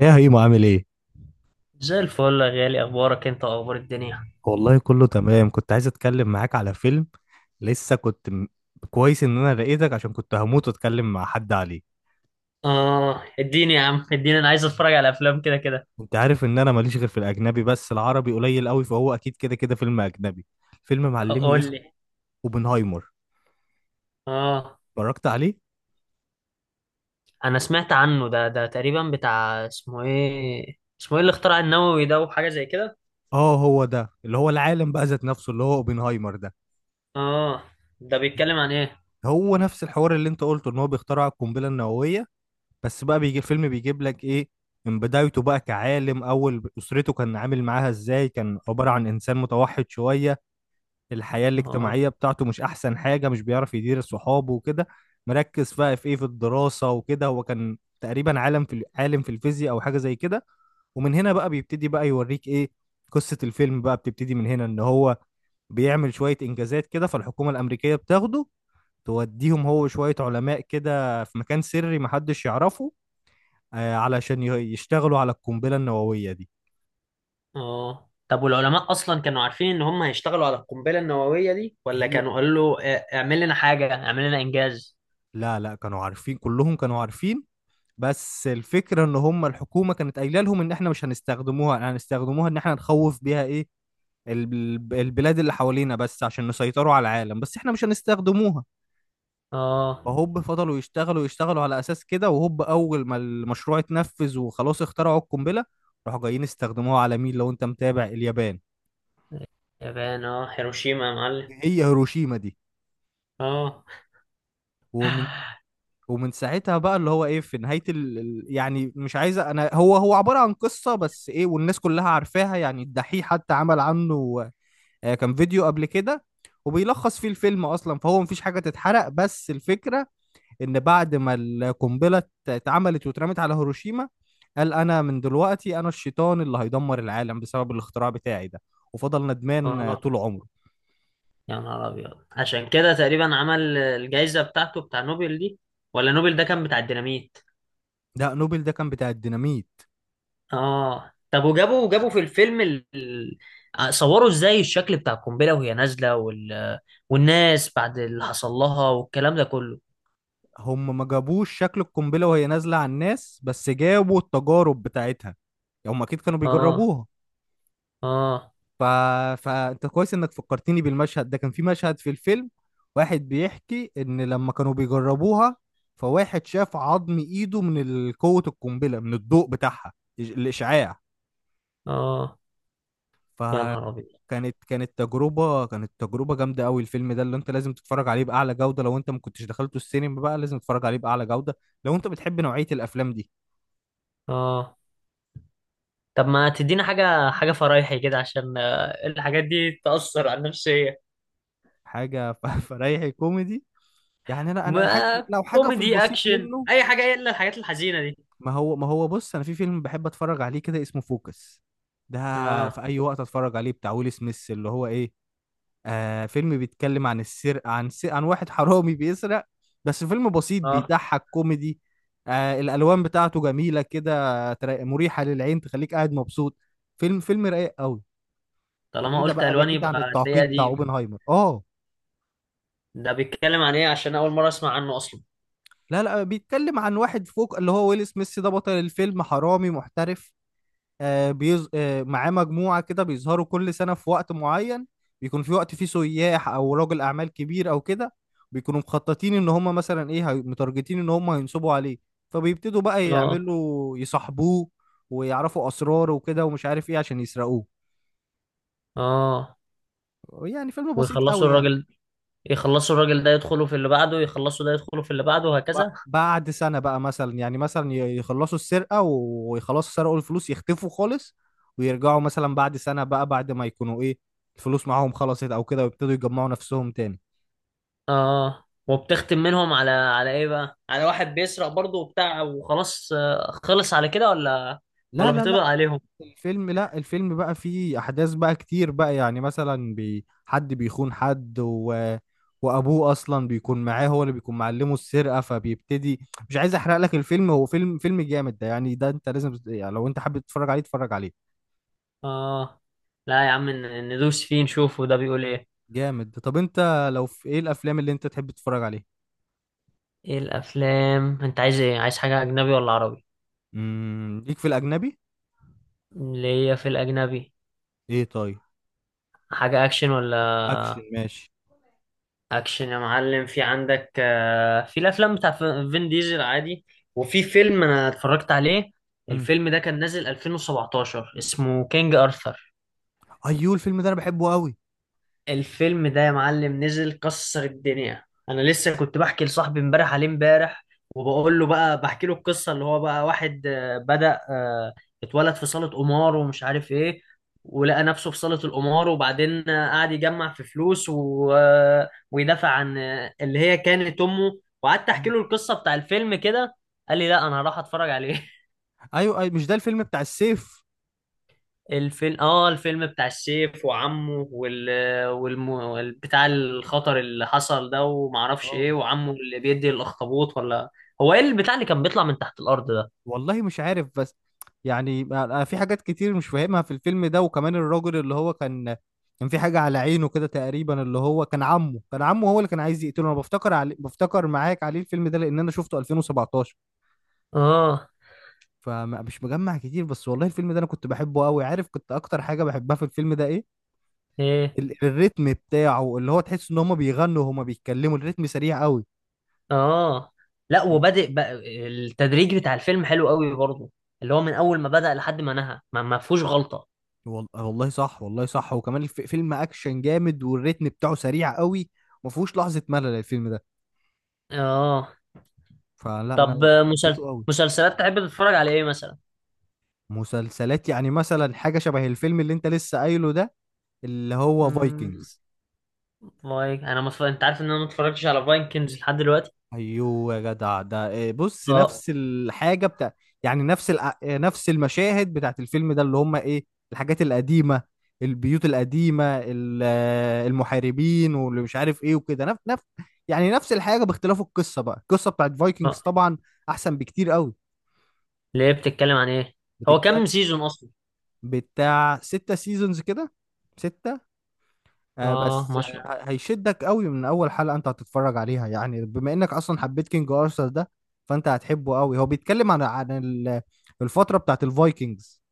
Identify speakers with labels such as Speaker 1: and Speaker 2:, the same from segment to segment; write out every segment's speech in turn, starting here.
Speaker 1: ايه يا هيمو، عامل ايه؟
Speaker 2: زي الفل يا غالي، اخبارك انت واخبار الدنيا.
Speaker 1: والله كله تمام، كنت عايز اتكلم معاك على فيلم. لسه كنت م... كويس ان انا لقيتك عشان كنت هموت واتكلم مع حد عليه.
Speaker 2: اه اديني يا عم، اديني، انا عايز اتفرج على افلام كده كده.
Speaker 1: انت عارف ان انا ماليش غير في الاجنبي، بس العربي قليل قوي، فهو اكيد كده كده فيلم اجنبي. فيلم معلمي،
Speaker 2: قول
Speaker 1: اسمه
Speaker 2: لي.
Speaker 1: اوبنهايمر.
Speaker 2: اه،
Speaker 1: اتفرجت عليه؟
Speaker 2: انا سمعت عنه، ده تقريبا بتاع اسمه ايه، اسمه ايه اللي اخترع النووي ده وحاجه زي كده.
Speaker 1: اه، هو ده اللي هو العالم بقى ذات نفسه اللي هو اوبنهايمر ده.
Speaker 2: اه، ده بيتكلم عن ايه؟
Speaker 1: هو نفس الحوار اللي انت قلته ان هو بيخترع القنبلة النووية، بس بقى بيجي الفيلم بيجيب لك ايه من بدايته بقى كعالم، اول اسرته كان عامل معاها ازاي، كان عبارة عن انسان متوحد شوية. الحياة
Speaker 2: اه.
Speaker 1: الاجتماعية بتاعته مش احسن حاجة، مش بيعرف يدير صحابه وكده. مركز بقى في ايه، في الدراسة وكده. هو كان تقريبا عالم في الفيزياء او حاجة زي كده، ومن هنا بقى بيبتدي بقى يوريك ايه. قصة الفيلم بقى بتبتدي من هنا، ان هو بيعمل شوية انجازات كده، فالحكومة الامريكية بتاخده، توديهم هو شوية علماء كده في مكان سري محدش يعرفه، علشان يشتغلوا على القنبلة النووية دي.
Speaker 2: اه طب والعلماء اصلا كانوا عارفين ان هم هيشتغلوا على القنبله النوويه دي، ولا
Speaker 1: هي.
Speaker 2: كانوا قالوا له اه، اعمل لنا حاجه، اعمل لنا انجاز.
Speaker 1: لا لا، كانوا عارفين، كلهم كانوا عارفين. بس الفكرة ان هم الحكومة كانت قايلة لهم ان احنا مش هنستخدموها، ان احنا نخوف بيها ايه البلاد اللي حوالينا، بس عشان نسيطروا على العالم، بس احنا مش هنستخدموها.
Speaker 2: اه،
Speaker 1: فهوب فضلوا يشتغلوا على اساس كده، وهوب اول ما المشروع اتنفذ وخلاص اخترعوا القنبلة، راحوا جايين استخدموها على مين، لو انت متابع؟ اليابان.
Speaker 2: يابان، اه هيروشيما يا معلم.
Speaker 1: هي. هيروشيما دي.
Speaker 2: اه.
Speaker 1: ومن ومن ساعتها بقى اللي هو ايه، في نهاية يعني مش عايزة انا، هو عبارة عن قصة، بس ايه، والناس كلها عارفاها. يعني الدحيح حتى عمل عنه كان فيديو قبل كده وبيلخص فيه الفيلم اصلا، فهو مفيش حاجة تتحرق. بس الفكرة ان بعد ما القنبلة اتعملت واترمت على هيروشيما، قال انا من دلوقتي انا الشيطان اللي هيدمر العالم بسبب الاختراع بتاعي ده، وفضل ندمان
Speaker 2: اه
Speaker 1: طول عمره.
Speaker 2: يا نهار ابيض، عشان كده تقريبا عمل الجائزه بتاعته بتاع نوبل دي، ولا نوبل ده كان بتاع الديناميت؟
Speaker 1: ده نوبل ده كان بتاع الديناميت.
Speaker 2: اه طب، وجابوا في الفيلم صوروا ازاي الشكل بتاع القنبله وهي نازله والناس بعد اللي حصل لها والكلام ده كله.
Speaker 1: هم ما جابوش شكل القنبلة وهي نازلة على الناس، بس جابوا التجارب بتاعتها، هم أكيد كانوا
Speaker 2: اه.
Speaker 1: بيجربوها.
Speaker 2: اه.
Speaker 1: ف... فأنت كويس إنك فكرتني بالمشهد ده. كان في مشهد في الفيلم، واحد بيحكي إن لما كانوا بيجربوها، فواحد شاف عظم إيده من قوة القنبلة، من الضوء بتاعها، الإشعاع.
Speaker 2: اه يا نهار ابيض.
Speaker 1: فكانت كانت تجربة جامدة قوي. الفيلم ده اللي أنت لازم تتفرج عليه بأعلى جودة. لو أنت ما كنتش دخلته السينما بقى، لازم تتفرج عليه بأعلى جودة لو أنت بتحب نوعية الأفلام دي.
Speaker 2: اه طب ما تدينا حاجه فرايحي كده، عشان الحاجات دي تاثر على النفسيه.
Speaker 1: حاجه فريحي كوميدي، يعني انا. حاجه،
Speaker 2: ما
Speaker 1: لو حاجه في
Speaker 2: كوميدي
Speaker 1: البسيط
Speaker 2: اكشن
Speaker 1: منه.
Speaker 2: اي حاجه، الا الحاجات الحزينه دي.
Speaker 1: ما هو بص، انا في فيلم بحب اتفرج عليه كده، اسمه فوكس ده،
Speaker 2: اه.
Speaker 1: في اي وقت اتفرج عليه. بتاع ويل سميث اللي هو ايه، فيلم بيتكلم عن السرقه، عن واحد حرامي بيسرق. بس فيلم بسيط
Speaker 2: اه
Speaker 1: بيضحك، كوميدي. الالوان بتاعته جميله كده، مريحه للعين، تخليك قاعد مبسوط. فيلم رايق قوي،
Speaker 2: طالما قلت الوان
Speaker 1: بعيد
Speaker 2: يبقى
Speaker 1: عن
Speaker 2: هتلاقيه
Speaker 1: التعقيد بتاع
Speaker 2: قديم.
Speaker 1: اوبنهايمر، اه.
Speaker 2: ده بيتكلم عن ايه؟ عشان اول مره اسمع عنه اصلا.
Speaker 1: لا لا، بيتكلم عن واحد فوق اللي هو ويل سميث ده، بطل الفيلم، حرامي محترف. آه بيز... آه معاه مجموعة كده، بيظهروا كل سنة في وقت معين، بيكون في وقت فيه سياح أو رجل أعمال كبير أو كده. بيكونوا مخططين إن هما مثلا متارجتين إن هما هينصبوا عليه، فبيبتدوا بقى
Speaker 2: اه.
Speaker 1: يعملوا يصاحبوه ويعرفوا أسراره وكده ومش عارف إيه عشان يسرقوه.
Speaker 2: اه
Speaker 1: يعني فيلم بسيط
Speaker 2: ويخلصوا
Speaker 1: قوي، يعني
Speaker 2: الراجل، يخلصوا الراجل ده يدخلوا في اللي بعده، يخلصوا ده يدخلوا في اللي بعده، وهكذا.
Speaker 1: بعد سنة بقى مثلا، يعني مثلا يخلصوا السرقة سرقوا الفلوس، يختفوا خالص، ويرجعوا مثلا بعد سنة بقى بعد ما يكونوا ايه، الفلوس معاهم خلصت او كده، ويبتدوا يجمعوا نفسهم تاني.
Speaker 2: اه وبتختم منهم على على ايه بقى، على واحد بيسرق برضه وبتاع وخلاص خلص على كده، ولا
Speaker 1: لا
Speaker 2: ولا
Speaker 1: لا
Speaker 2: بيطبق
Speaker 1: لا.
Speaker 2: عليهم؟
Speaker 1: الفيلم، لا، الفيلم بقى فيه احداث بقى كتير بقى، يعني مثلا حد بيخون حد وابوه اصلا بيكون معاه، هو اللي بيكون معلمه السرقة فبيبتدي. مش عايز احرق لك الفيلم، هو فيلم جامد ده، يعني ده انت لازم يعني لو انت حابب تتفرج عليه اتفرج عليه.
Speaker 2: اه لا يا عم، ندوس فيه نشوفه ده بيقول ايه.
Speaker 1: جامد. طب انت لو في ايه الافلام اللي انت تحب تتفرج عليها؟
Speaker 2: ايه الافلام انت عايز، ايه عايز، حاجه اجنبي ولا عربي؟
Speaker 1: ليك في الاجنبي.
Speaker 2: اللي هي في الاجنبي.
Speaker 1: ايه، طيب.
Speaker 2: حاجه اكشن ولا؟
Speaker 1: اكشن، ماشي.
Speaker 2: اكشن يا معلم، في عندك في الافلام بتاع فين ديزل عادي. وفي فيلم انا اتفرجت عليه،
Speaker 1: امم
Speaker 2: الفيلم ده كان نازل 2017، اسمه كينج ارثر.
Speaker 1: ايوه، الفيلم ده انا بحبه قوي.
Speaker 2: الفيلم ده يا معلم نزل كسر الدنيا. انا لسه كنت بحكي لصاحبي امبارح عليه امبارح، وبقول له بقى، بحكي له القصه اللي هو بقى واحد بدأ، اتولد في صاله قمار ومش عارف ايه، ولقى نفسه في صاله القمار، وبعدين قعد يجمع في فلوس و ويدافع عن اللي هي كانت امه، وقعدت احكي
Speaker 1: مم.
Speaker 2: له القصه بتاع الفيلم كده. قال لي لا، انا هروح اتفرج عليه.
Speaker 1: ايوه ايوه، مش ده الفيلم بتاع السيف؟
Speaker 2: الفيلم، اه الفيلم بتاع السيف وعمه وال والم... وال- بتاع الخطر اللي حصل ده ومعرفش
Speaker 1: اه.
Speaker 2: ايه، وعمه اللي بيدي الاخطبوط، ولا هو ايه البتاع اللي كان بيطلع من تحت الارض ده؟
Speaker 1: والله مش عارف، بس يعني انا في حاجات كتير مش فاهمها في الفيلم ده، وكمان الراجل اللي هو كان في حاجة على عينه كده تقريبا، اللي هو كان عمه، كان عمه هو اللي كان عايز يقتله. انا بفتكر معاك عليه الفيلم ده، لان انا شفته 2017،
Speaker 2: اه.
Speaker 1: فمش مجمع كتير. بس والله الفيلم ده انا كنت بحبه قوي. عارف كنت اكتر حاجه بحبها في الفيلم ده ايه؟
Speaker 2: ايه.
Speaker 1: الريتم بتاعه، اللي هو تحس ان هما بيغنوا وهما بيتكلموا، الريتم سريع قوي.
Speaker 2: اه لا، وبادئ بقى، التدريج بتاع الفيلم حلو قوي برضه، اللي هو من اول ما بدأ لحد ما نهى، ما فيهوش غلطة.
Speaker 1: والله صح، والله صح، وكمان فيلم اكشن جامد، والريتم بتاعه سريع قوي، ما فيهوش لحظه ملل الفيلم ده.
Speaker 2: اه
Speaker 1: فلا
Speaker 2: طب
Speaker 1: لا، حبيته قوي.
Speaker 2: مسلسلات تحب تتفرج على ايه مثلا؟
Speaker 1: مسلسلات يعني مثلا حاجه شبه الفيلم اللي انت لسه قايله ده، اللي هو
Speaker 2: امم.
Speaker 1: فايكنجز.
Speaker 2: انا ما اتف- انت عارف ان انا ما اتفرجتش على فايكنجز لحد دلوقتي.
Speaker 1: ايوه يا جدع ده. بص،
Speaker 2: اه
Speaker 1: نفس الحاجه بتاع، يعني نفس الع- إيه، نفس المشاهد بتاعت الفيلم ده، اللي هم ايه الحاجات القديمه، البيوت القديمه، المحاربين واللي مش عارف ايه وكده، نفس نفس، يعني نفس الحاجه، باختلاف القصه بقى، القصه بتاعت فايكنجز طبعا احسن بكتير قوي.
Speaker 2: ليه، بتتكلم عن ايه؟ هو
Speaker 1: بتتكلم.
Speaker 2: كام سيزون اصلا؟
Speaker 1: بتاع 6 سيزونز كده. 6.
Speaker 2: اه
Speaker 1: بس
Speaker 2: ما شاء الله.
Speaker 1: هيشدك قوي من اول حلقة انت هتتفرج عليها، يعني بما انك اصلا حبيت كينج ارثر ده، فانت هتحبه قوي. هو بيتكلم عن الفترة بتاعت الفايكنجز،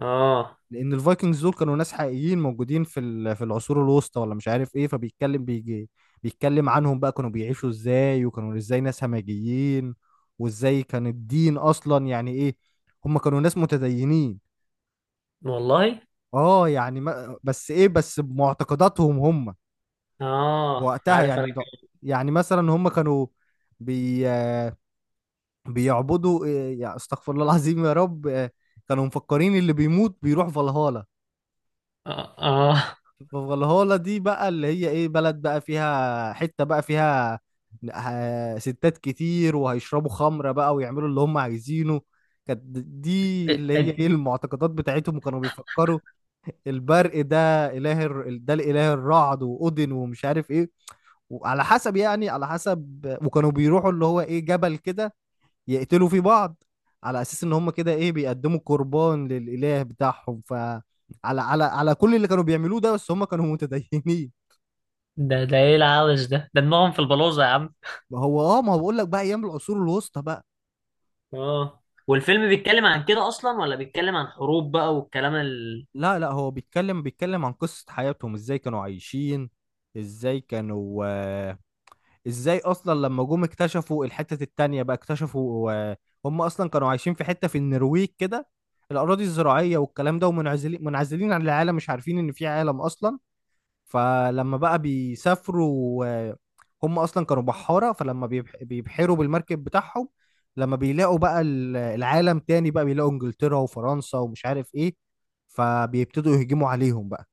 Speaker 2: اه.
Speaker 1: لان الفايكنجز دول كانوا ناس حقيقيين موجودين في العصور الوسطى ولا مش عارف ايه، بيجي بيتكلم عنهم بقى، كانوا بيعيشوا ازاي، وكانوا ازاي ناس همجيين، وازاي كان الدين اصلا يعني ايه. هم كانوا ناس متدينين،
Speaker 2: والله.
Speaker 1: اه، يعني ما بس ايه، بمعتقداتهم هم
Speaker 2: اه
Speaker 1: وقتها.
Speaker 2: عارف انا
Speaker 1: يعني
Speaker 2: كده.
Speaker 1: يعني مثلا هم كانوا بي بيعبدوا يعني استغفر الله العظيم يا رب. كانوا مفكرين اللي بيموت بيروح فالهالا.
Speaker 2: اه. آه.
Speaker 1: فالهالا دي بقى اللي هي ايه، بلد بقى، فيها حتة بقى، فيها ستات كتير وهيشربوا خمرة بقى ويعملوا اللي هم عايزينه. كانت دي
Speaker 2: إيه-
Speaker 1: اللي هي ايه
Speaker 2: إيه-
Speaker 1: المعتقدات بتاعتهم. وكانوا بيفكروا البرق ده، ده الاله الرعد، واودن، ومش عارف ايه، وعلى حسب، يعني على حسب وكانوا بيروحوا اللي هو ايه جبل كده، يقتلوا فيه بعض، على اساس ان هم كده ايه بيقدموا قربان للاله بتاعهم، على كل اللي كانوا بيعملوه ده، بس هم كانوا متدينين.
Speaker 2: ده ده ايه العبث ده دماغهم في البلوزة يا عم.
Speaker 1: ما هو اه، ما هو بقول لك بقى ايام العصور الوسطى بقى.
Speaker 2: اه، والفيلم بيتكلم عن كده اصلا، ولا بيتكلم عن حروب بقى والكلام ال...
Speaker 1: لا لا، هو بيتكلم، عن قصة حياتهم، ازاي كانوا عايشين، ازاي كانوا، ازاي اصلا لما جم اكتشفوا الحتة التانية بقى، اكتشفوا هم اصلا كانوا عايشين في حتة في النرويج كده، الاراضي الزراعية والكلام ده، ومنعزلين عن العالم، مش عارفين ان في عالم اصلا. فلما بقى بيسافروا، هم اصلا كانوا بحارة، فلما بيبحروا بالمركب بتاعهم، لما بيلاقوا بقى العالم تاني بقى، بيلاقوا انجلترا وفرنسا ومش عارف ايه، فبيبتدوا يهجموا عليهم بقى،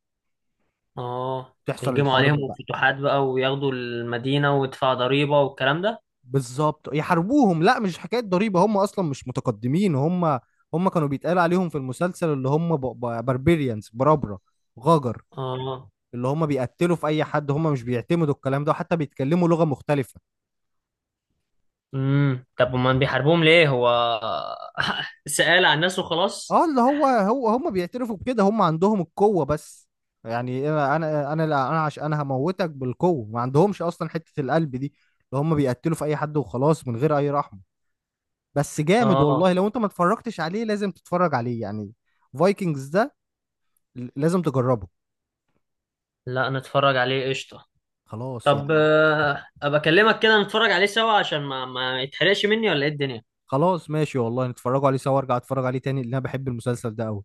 Speaker 2: اه،
Speaker 1: تحصل
Speaker 2: يهجموا عليهم
Speaker 1: الحرب بقى.
Speaker 2: فتوحات بقى وياخدوا المدينة ويدفعوا ضريبة والكلام ده.
Speaker 1: بالظبط يحاربوهم. لا مش حكايه ضريبه، هم اصلا مش متقدمين. هم، هم كانوا بيتقال عليهم في المسلسل اللي هم باربيريانز، برابره، غجر،
Speaker 2: اه.
Speaker 1: اللي هم بيقتلوا في اي حد، هم مش بيعتمدوا الكلام ده، حتى بيتكلموا لغه مختلفه.
Speaker 2: طب امال بيحاربوهم ليه هو؟ سأل عن الناس وخلاص.
Speaker 1: اه، اللي هو هم بيعترفوا بكده، هم عندهم القوه بس. يعني انا، انا، لا، انا عشان انا هموتك بالقوه، ما عندهمش اصلا حته القلب دي، اللي هم بيقتلوا في اي حد وخلاص من غير اي رحمه. بس جامد
Speaker 2: اه
Speaker 1: والله، لو انت ما اتفرجتش عليه لازم تتفرج عليه، يعني فايكنجز ده لازم تجربه.
Speaker 2: لا، نتفرج عليه قشطة.
Speaker 1: خلاص
Speaker 2: طب
Speaker 1: يعني.
Speaker 2: ابقى اكلمك كده نتفرج عليه سوا، عشان ما يتحرقش مني، ولا ايه الدنيا.
Speaker 1: خلاص ماشي، والله نتفرجوا عليه سوا، ارجع اتفرج عليه تاني، لان انا بحب المسلسل ده قوي.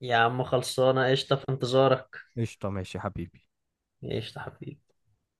Speaker 2: يا عم خلصانه قشطه، في انتظارك.
Speaker 1: قشطه ماشي يا حبيبي.
Speaker 2: قشطه حبيبي.